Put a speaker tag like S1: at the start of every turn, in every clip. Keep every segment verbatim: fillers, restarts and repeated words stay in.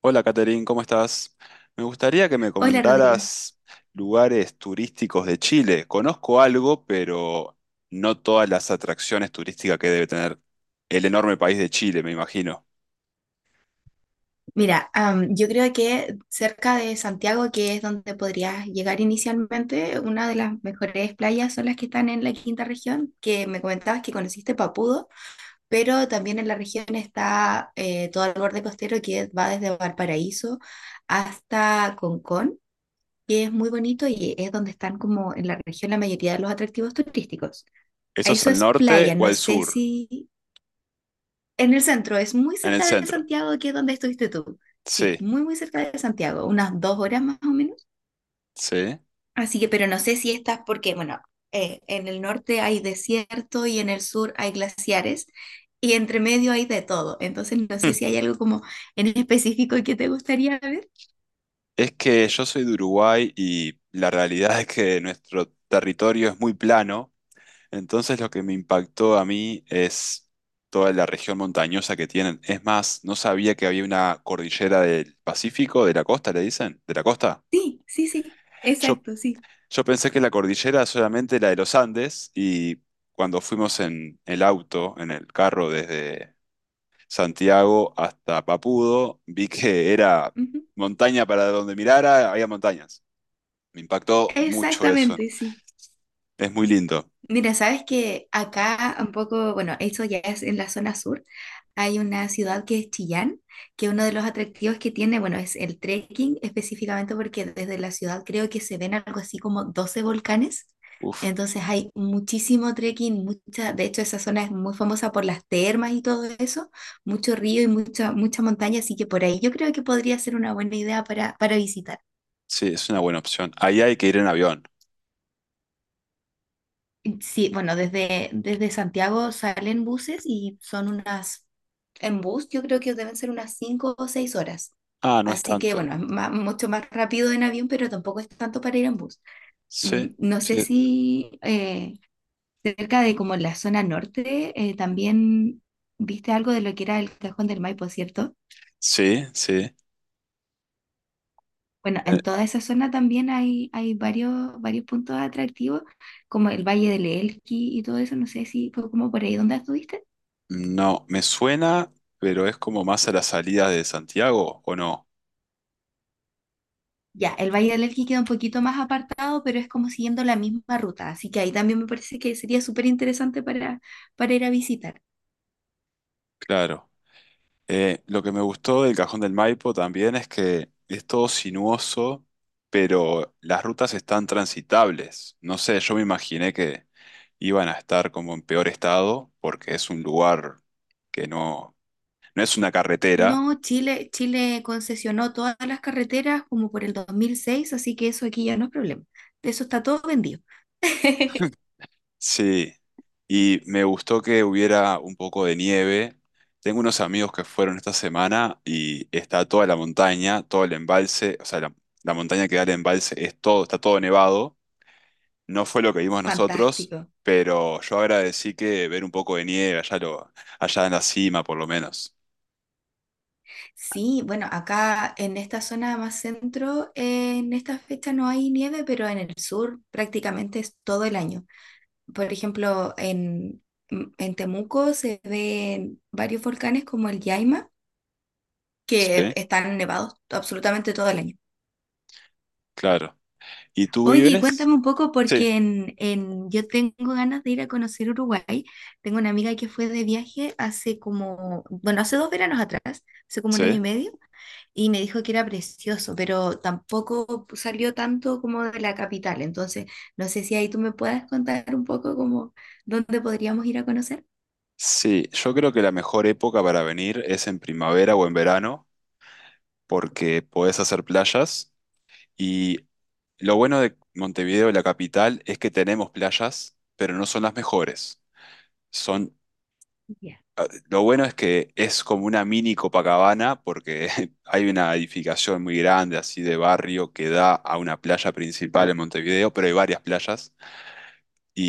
S1: Hola, Caterín, ¿cómo estás? Me gustaría que me
S2: Hola Rodrigo.
S1: comentaras lugares turísticos de Chile. Conozco algo, pero no todas las atracciones turísticas que debe tener el enorme país de Chile, me imagino.
S2: Mira, am, yo creo que cerca de Santiago, que es donde podrías llegar inicialmente, una de las mejores playas son las que están en la quinta región, que me comentabas que conociste Papudo, pero también en la región está eh, todo el borde costero que va desde Valparaíso hasta Concón, que es muy bonito y es donde están como en la región la mayoría de los atractivos turísticos.
S1: ¿Eso es
S2: Eso
S1: al
S2: es
S1: norte
S2: playa,
S1: o
S2: no
S1: al
S2: sé
S1: sur?
S2: si en el centro, es muy
S1: En el
S2: cerca de
S1: centro.
S2: Santiago, que es donde estuviste tú. Sí,
S1: Sí,
S2: muy, muy cerca de Santiago, unas dos horas más o menos.
S1: sí.
S2: Así que, pero no sé si estás, porque, bueno, eh, en el norte hay desierto y en el sur hay glaciares y entre medio hay de todo. Entonces, no sé
S1: Hmm.
S2: si hay algo como en específico que te gustaría ver.
S1: Es que yo soy de Uruguay y la realidad es que nuestro territorio es muy plano. Entonces lo que me impactó a mí es toda la región montañosa que tienen. Es más, no sabía que había una cordillera del Pacífico, de la costa, le dicen, de la costa.
S2: Sí, sí, sí,
S1: Yo,
S2: exacto, sí.
S1: yo pensé que la cordillera solamente la de los Andes y cuando fuimos en el auto, en el carro desde Santiago hasta Papudo, vi que era
S2: Ujú.
S1: montaña para donde mirara, había montañas. Me impactó mucho eso.
S2: Exactamente, sí.
S1: Es muy lindo.
S2: Mira, sabes que acá un poco, bueno, esto ya es en la zona sur, hay una ciudad que es Chillán, que uno de los atractivos que tiene, bueno, es el trekking específicamente porque desde la ciudad creo que se ven algo así como doce volcanes,
S1: Uf,
S2: entonces hay muchísimo trekking, mucha, de hecho esa zona es muy famosa por las termas y todo eso, mucho río y mucha, mucha montaña, así que por ahí yo creo que podría ser una buena idea para, para, visitar.
S1: sí, es una buena opción. Ahí hay que ir en avión.
S2: Sí, bueno, desde, desde Santiago salen buses y son unas, en bus yo creo que deben ser unas cinco o seis horas.
S1: Ah, no es
S2: Así que
S1: tanto.
S2: bueno, es ma- mucho más rápido en avión, pero tampoco es tanto para ir en bus. Mm,
S1: Sí,
S2: No sé
S1: sí,
S2: si eh, cerca de como la zona norte eh, también viste algo de lo que era el Cajón del Maipo, ¿cierto?
S1: sí, sí.
S2: Bueno,
S1: Eh,
S2: en toda esa zona también hay, hay varios, varios puntos atractivos, como el Valle del Elqui y todo eso. No sé si fue como por ahí donde estuviste.
S1: No, me suena, pero es como más a la salida de Santiago, ¿o no?
S2: Ya, el Valle del Elqui queda un poquito más apartado, pero es como siguiendo la misma ruta, así que ahí también me parece que sería súper interesante para, para ir a visitar.
S1: Claro. Eh, lo que me gustó del Cajón del Maipo también es que es todo sinuoso, pero las rutas están transitables. No sé, yo me imaginé que iban a estar como en peor estado, porque es un lugar que no, no es una carretera.
S2: No, Chile, Chile concesionó todas las carreteras como por el dos mil seis así que eso aquí ya no es problema. De eso está todo vendido.
S1: Sí, y me gustó que hubiera un poco de nieve. Tengo unos amigos que fueron esta semana y está toda la montaña, todo el embalse, o sea, la, la montaña que da el embalse es todo, está todo nevado. No fue lo que vimos nosotros,
S2: Fantástico.
S1: pero yo agradecí que ver un poco de nieve allá, lo, allá en la cima, por lo menos.
S2: Sí, bueno, acá en esta zona más centro, eh, en esta fecha no hay nieve, pero en el sur prácticamente es todo el año. Por ejemplo, en, en Temuco se ven varios volcanes como el Yaima, que
S1: Sí,
S2: están nevados absolutamente todo el año.
S1: claro. ¿Y tú
S2: Oye, y
S1: vives?
S2: cuéntame un poco
S1: Sí,
S2: porque en, en- yo tengo ganas de ir a conocer Uruguay. Tengo una amiga que fue de viaje hace como, bueno, hace dos veranos atrás, hace como un año
S1: sí.
S2: y medio, y me dijo que era precioso, pero tampoco salió tanto como de la capital. Entonces, no sé si ahí tú me puedas contar un poco como dónde podríamos ir a conocer.
S1: Sí, yo creo que la mejor época para venir es en primavera o en verano, porque podés hacer playas. Y lo bueno de Montevideo, la capital, es que tenemos playas, pero no son las mejores. Son,
S2: Ya.
S1: lo bueno es que es como una mini Copacabana, porque hay una edificación muy grande, así de barrio, que da a una playa principal en Montevideo, pero hay varias playas.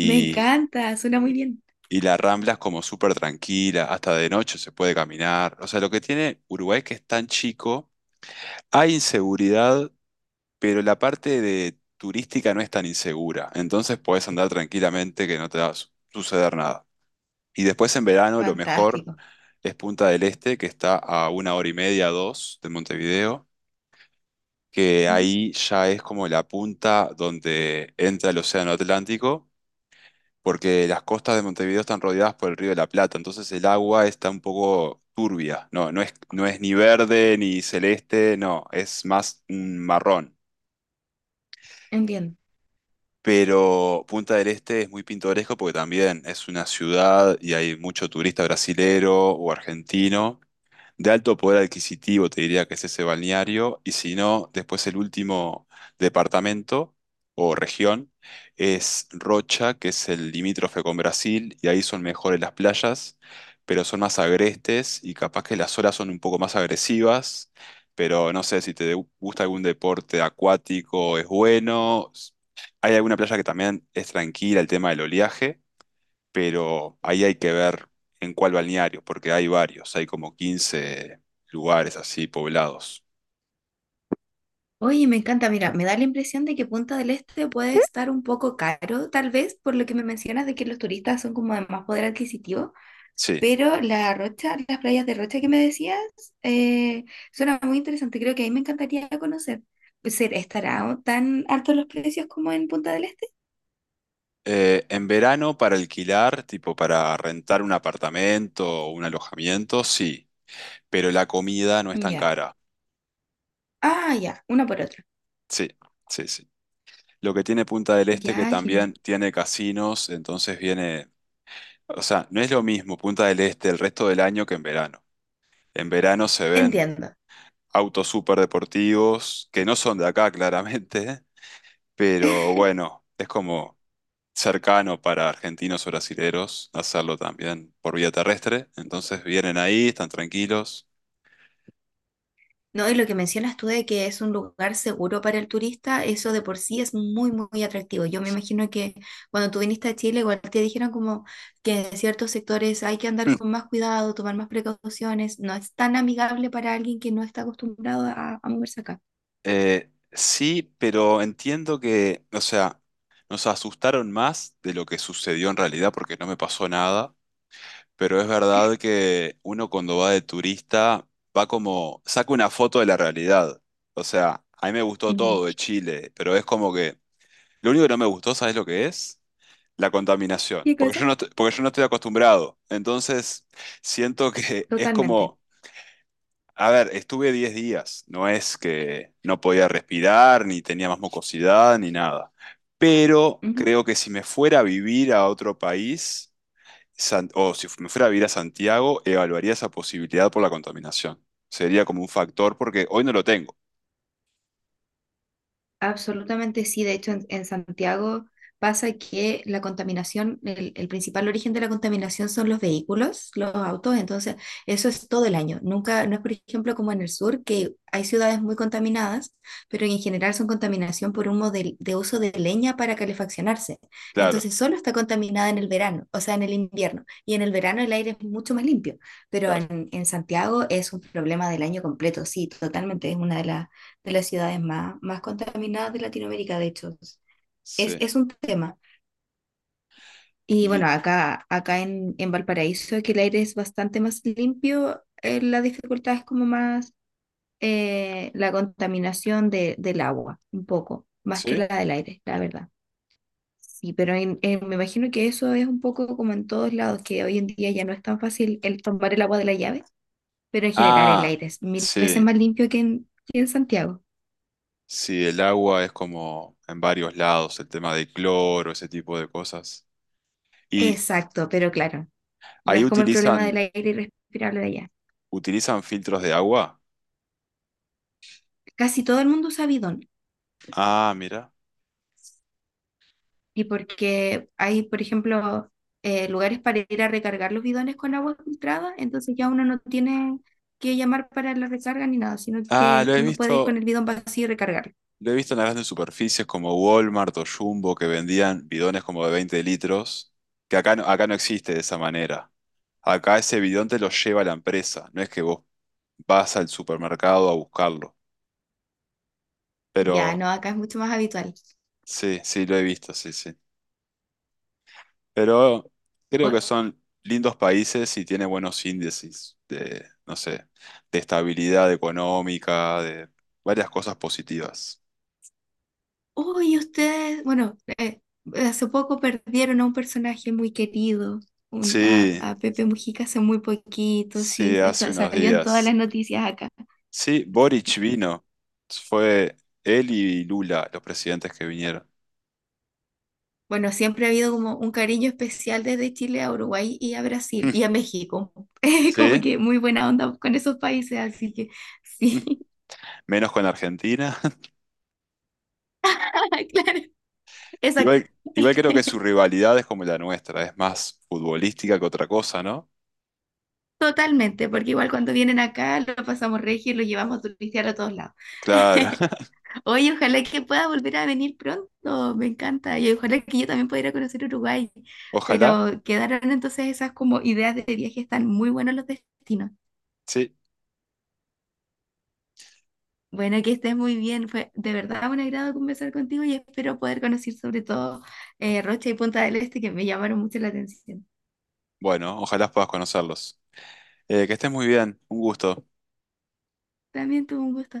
S2: Me encanta, suena muy bien.
S1: y la Rambla es como súper tranquila, hasta de noche se puede caminar. O sea, lo que tiene Uruguay es que es tan chico, hay inseguridad pero la parte de turística no es tan insegura, entonces podés andar tranquilamente que no te va a su- suceder nada. Y después en verano lo mejor
S2: Fantástico.
S1: es Punta del Este, que está a una hora y media, dos de Montevideo, que
S2: Ujú,
S1: ahí ya es como la punta donde entra el Océano Atlántico, porque las costas de Montevideo están rodeadas por el Río de la Plata, entonces el agua está un poco turbia, no, no es, no es ni verde ni celeste, no, es más un marrón.
S2: Entiendo.
S1: Pero Punta del Este es muy pintoresco porque también es una ciudad y hay mucho turista brasilero o argentino de alto poder adquisitivo, te diría que es ese balneario, y si no, después el último departamento o región es Rocha, que es el limítrofe con Brasil, y ahí son mejores las playas, pero son más agrestes y capaz que las olas son un poco más agresivas, pero no sé si te gusta algún deporte acuático, es bueno. Hay alguna playa que también es tranquila, el tema del oleaje pero ahí hay que ver en cuál balneario, porque hay varios, hay como quince lugares así poblados.
S2: Oye, me encanta, mira, me da la impresión de que Punta del Este puede estar un poco caro, tal vez por lo que me mencionas de que los turistas son como de más poder adquisitivo,
S1: Sí.
S2: pero la Rocha, las playas de Rocha que me decías, eh, suena muy interesante, creo que ahí me encantaría conocer. Pues, ¿ser- ¿Estará tan altos los precios como en Punta del Este?
S1: Eh, en verano para alquilar, tipo para rentar un apartamento o un alojamiento, sí, pero la comida no es tan
S2: Ya.
S1: cara.
S2: Ah, ya, una por otra.
S1: Sí, sí, sí. Lo que tiene Punta del Este que
S2: Ya,
S1: también
S2: genial.
S1: tiene casinos, entonces viene, o sea, no es lo mismo Punta del Este el resto del año que en verano. En verano se ven
S2: Entiendo.
S1: autos súper deportivos, que no son de acá claramente. Pero bueno, es como cercano para argentinos o brasileros hacerlo también por vía terrestre. Entonces vienen ahí, están tranquilos.
S2: No, y lo que mencionas tú de que es un lugar seguro para el turista, eso de por sí es muy, muy, atractivo. Yo me imagino que cuando tú viniste a Chile, igual te dijeron como que en ciertos sectores hay que andar
S1: Mm.
S2: con más cuidado, tomar más precauciones. No es tan amigable para alguien que no está acostumbrado a, a moverse acá.
S1: Eh, sí, pero entiendo que, o sea, nos asustaron más de lo que sucedió en realidad porque no me pasó nada. Pero es verdad que uno cuando va de turista va como, saca una foto de la realidad. O sea, a mí me gustó
S2: Ujú.
S1: todo de Chile, pero es como que lo único que no me gustó, ¿sabes lo que es? La contaminación,
S2: ¿Qué
S1: porque yo
S2: cosa?
S1: no, est- porque yo no estoy acostumbrado. Entonces, siento que es
S2: Totalmente.
S1: como, a ver, estuve diez días, no es que no podía respirar, ni tenía más mucosidad, ni nada. Pero
S2: Ujú.
S1: creo que si me fuera a vivir a otro país, San- o si me fuera a vivir a Santiago, evaluaría esa posibilidad por la contaminación. Sería como un factor, porque hoy no lo tengo.
S2: Absolutamente sí, de hecho en, en Santiago pasa que la contaminación, el, el principal origen de la contaminación son los vehículos, los autos, entonces eso es todo el año. Nunca, no es por ejemplo como en el sur, que hay ciudades muy contaminadas, pero en general son contaminación por humo de, de uso de leña para calefaccionarse.
S1: Claro,
S2: Entonces solo está contaminada en el verano, o sea, en el invierno, y en el verano el aire es mucho más limpio, pero
S1: claro.
S2: en, en Santiago es un problema del año completo, sí, totalmente, es una de las de las ciudades más, más contaminadas de Latinoamérica, de hecho. Es,
S1: Sí.
S2: es un tema. Y
S1: Y,
S2: bueno, acá, acá en, en Valparaíso, que el aire es bastante más limpio, eh, la dificultad es como más eh, la contaminación de, del agua, un poco, más que
S1: ¿sí?
S2: la del aire, la verdad. Sí, pero en- en- me imagino que eso es un poco como en todos lados, que hoy en día ya no es tan fácil el tomar el agua de la llave, pero en general el
S1: Ah,
S2: aire es mil veces
S1: sí.
S2: más limpio que en, que en Santiago.
S1: Sí, el agua es como en varios lados, el tema de cloro, ese tipo de cosas. Y
S2: Exacto, pero claro. No
S1: ahí
S2: es como el problema del
S1: utilizan,
S2: aire irrespirable de allá.
S1: utilizan filtros de agua.
S2: Casi todo el mundo usa bidón.
S1: Ah, mira.
S2: Y porque hay, por ejemplo, eh, lugares para ir a recargar los bidones con agua filtrada, entonces ya uno no tiene que llamar para la recarga ni nada, sino
S1: Ah,
S2: que
S1: lo he
S2: uno puede ir con
S1: visto,
S2: el bidón vacío y recargarlo.
S1: lo he visto en las grandes superficies como Walmart o Jumbo que vendían bidones como de veinte litros, que acá no, acá no existe de esa manera. Acá ese bidón te lo lleva la empresa, no es que vos vas al supermercado a buscarlo.
S2: Ya,
S1: Pero
S2: no, acá es mucho más habitual.
S1: sí, sí, lo he visto, sí, sí. Pero creo que
S2: O-
S1: son lindos países y tiene buenos índices de, no sé, de estabilidad económica, de varias cosas positivas.
S2: Uy, ustedes, bueno, eh, hace poco perdieron a un personaje muy querido, un- a,
S1: Sí,
S2: a Pepe Mujica hace muy poquito,
S1: sí,
S2: sí,
S1: hace
S2: está-
S1: unos
S2: salió en todas las
S1: días.
S2: noticias acá.
S1: Sí, Boric vino. Fue él y Lula los presidentes que vinieron.
S2: Bueno, siempre ha habido como un cariño especial desde Chile a Uruguay y a Brasil y a México. Como
S1: Sí,
S2: que muy buena onda con esos países, así que sí,
S1: menos con Argentina.
S2: claro, exacto.
S1: Igual, igual creo que su rivalidad es como la nuestra, es más futbolística que otra cosa, ¿no?
S2: Totalmente, porque igual cuando vienen acá lo pasamos regio y lo llevamos a turistear a todos lados.
S1: Claro.
S2: Oye, ojalá que pueda volver a venir pronto, me encanta. Y ojalá que yo también pueda ir a conocer Uruguay.
S1: Ojalá,
S2: Pero quedaron entonces esas como ideas de viaje, están muy buenos los destinos.
S1: sí.
S2: Bueno, que estés muy bien. Fue de verdad un agrado conversar contigo y espero poder conocer sobre todo eh, Rocha y Punta del Este, que me llamaron mucho la atención.
S1: Bueno, ojalá puedas conocerlos. Eh, que estés muy bien, un gusto.
S2: También tuvo un gusto.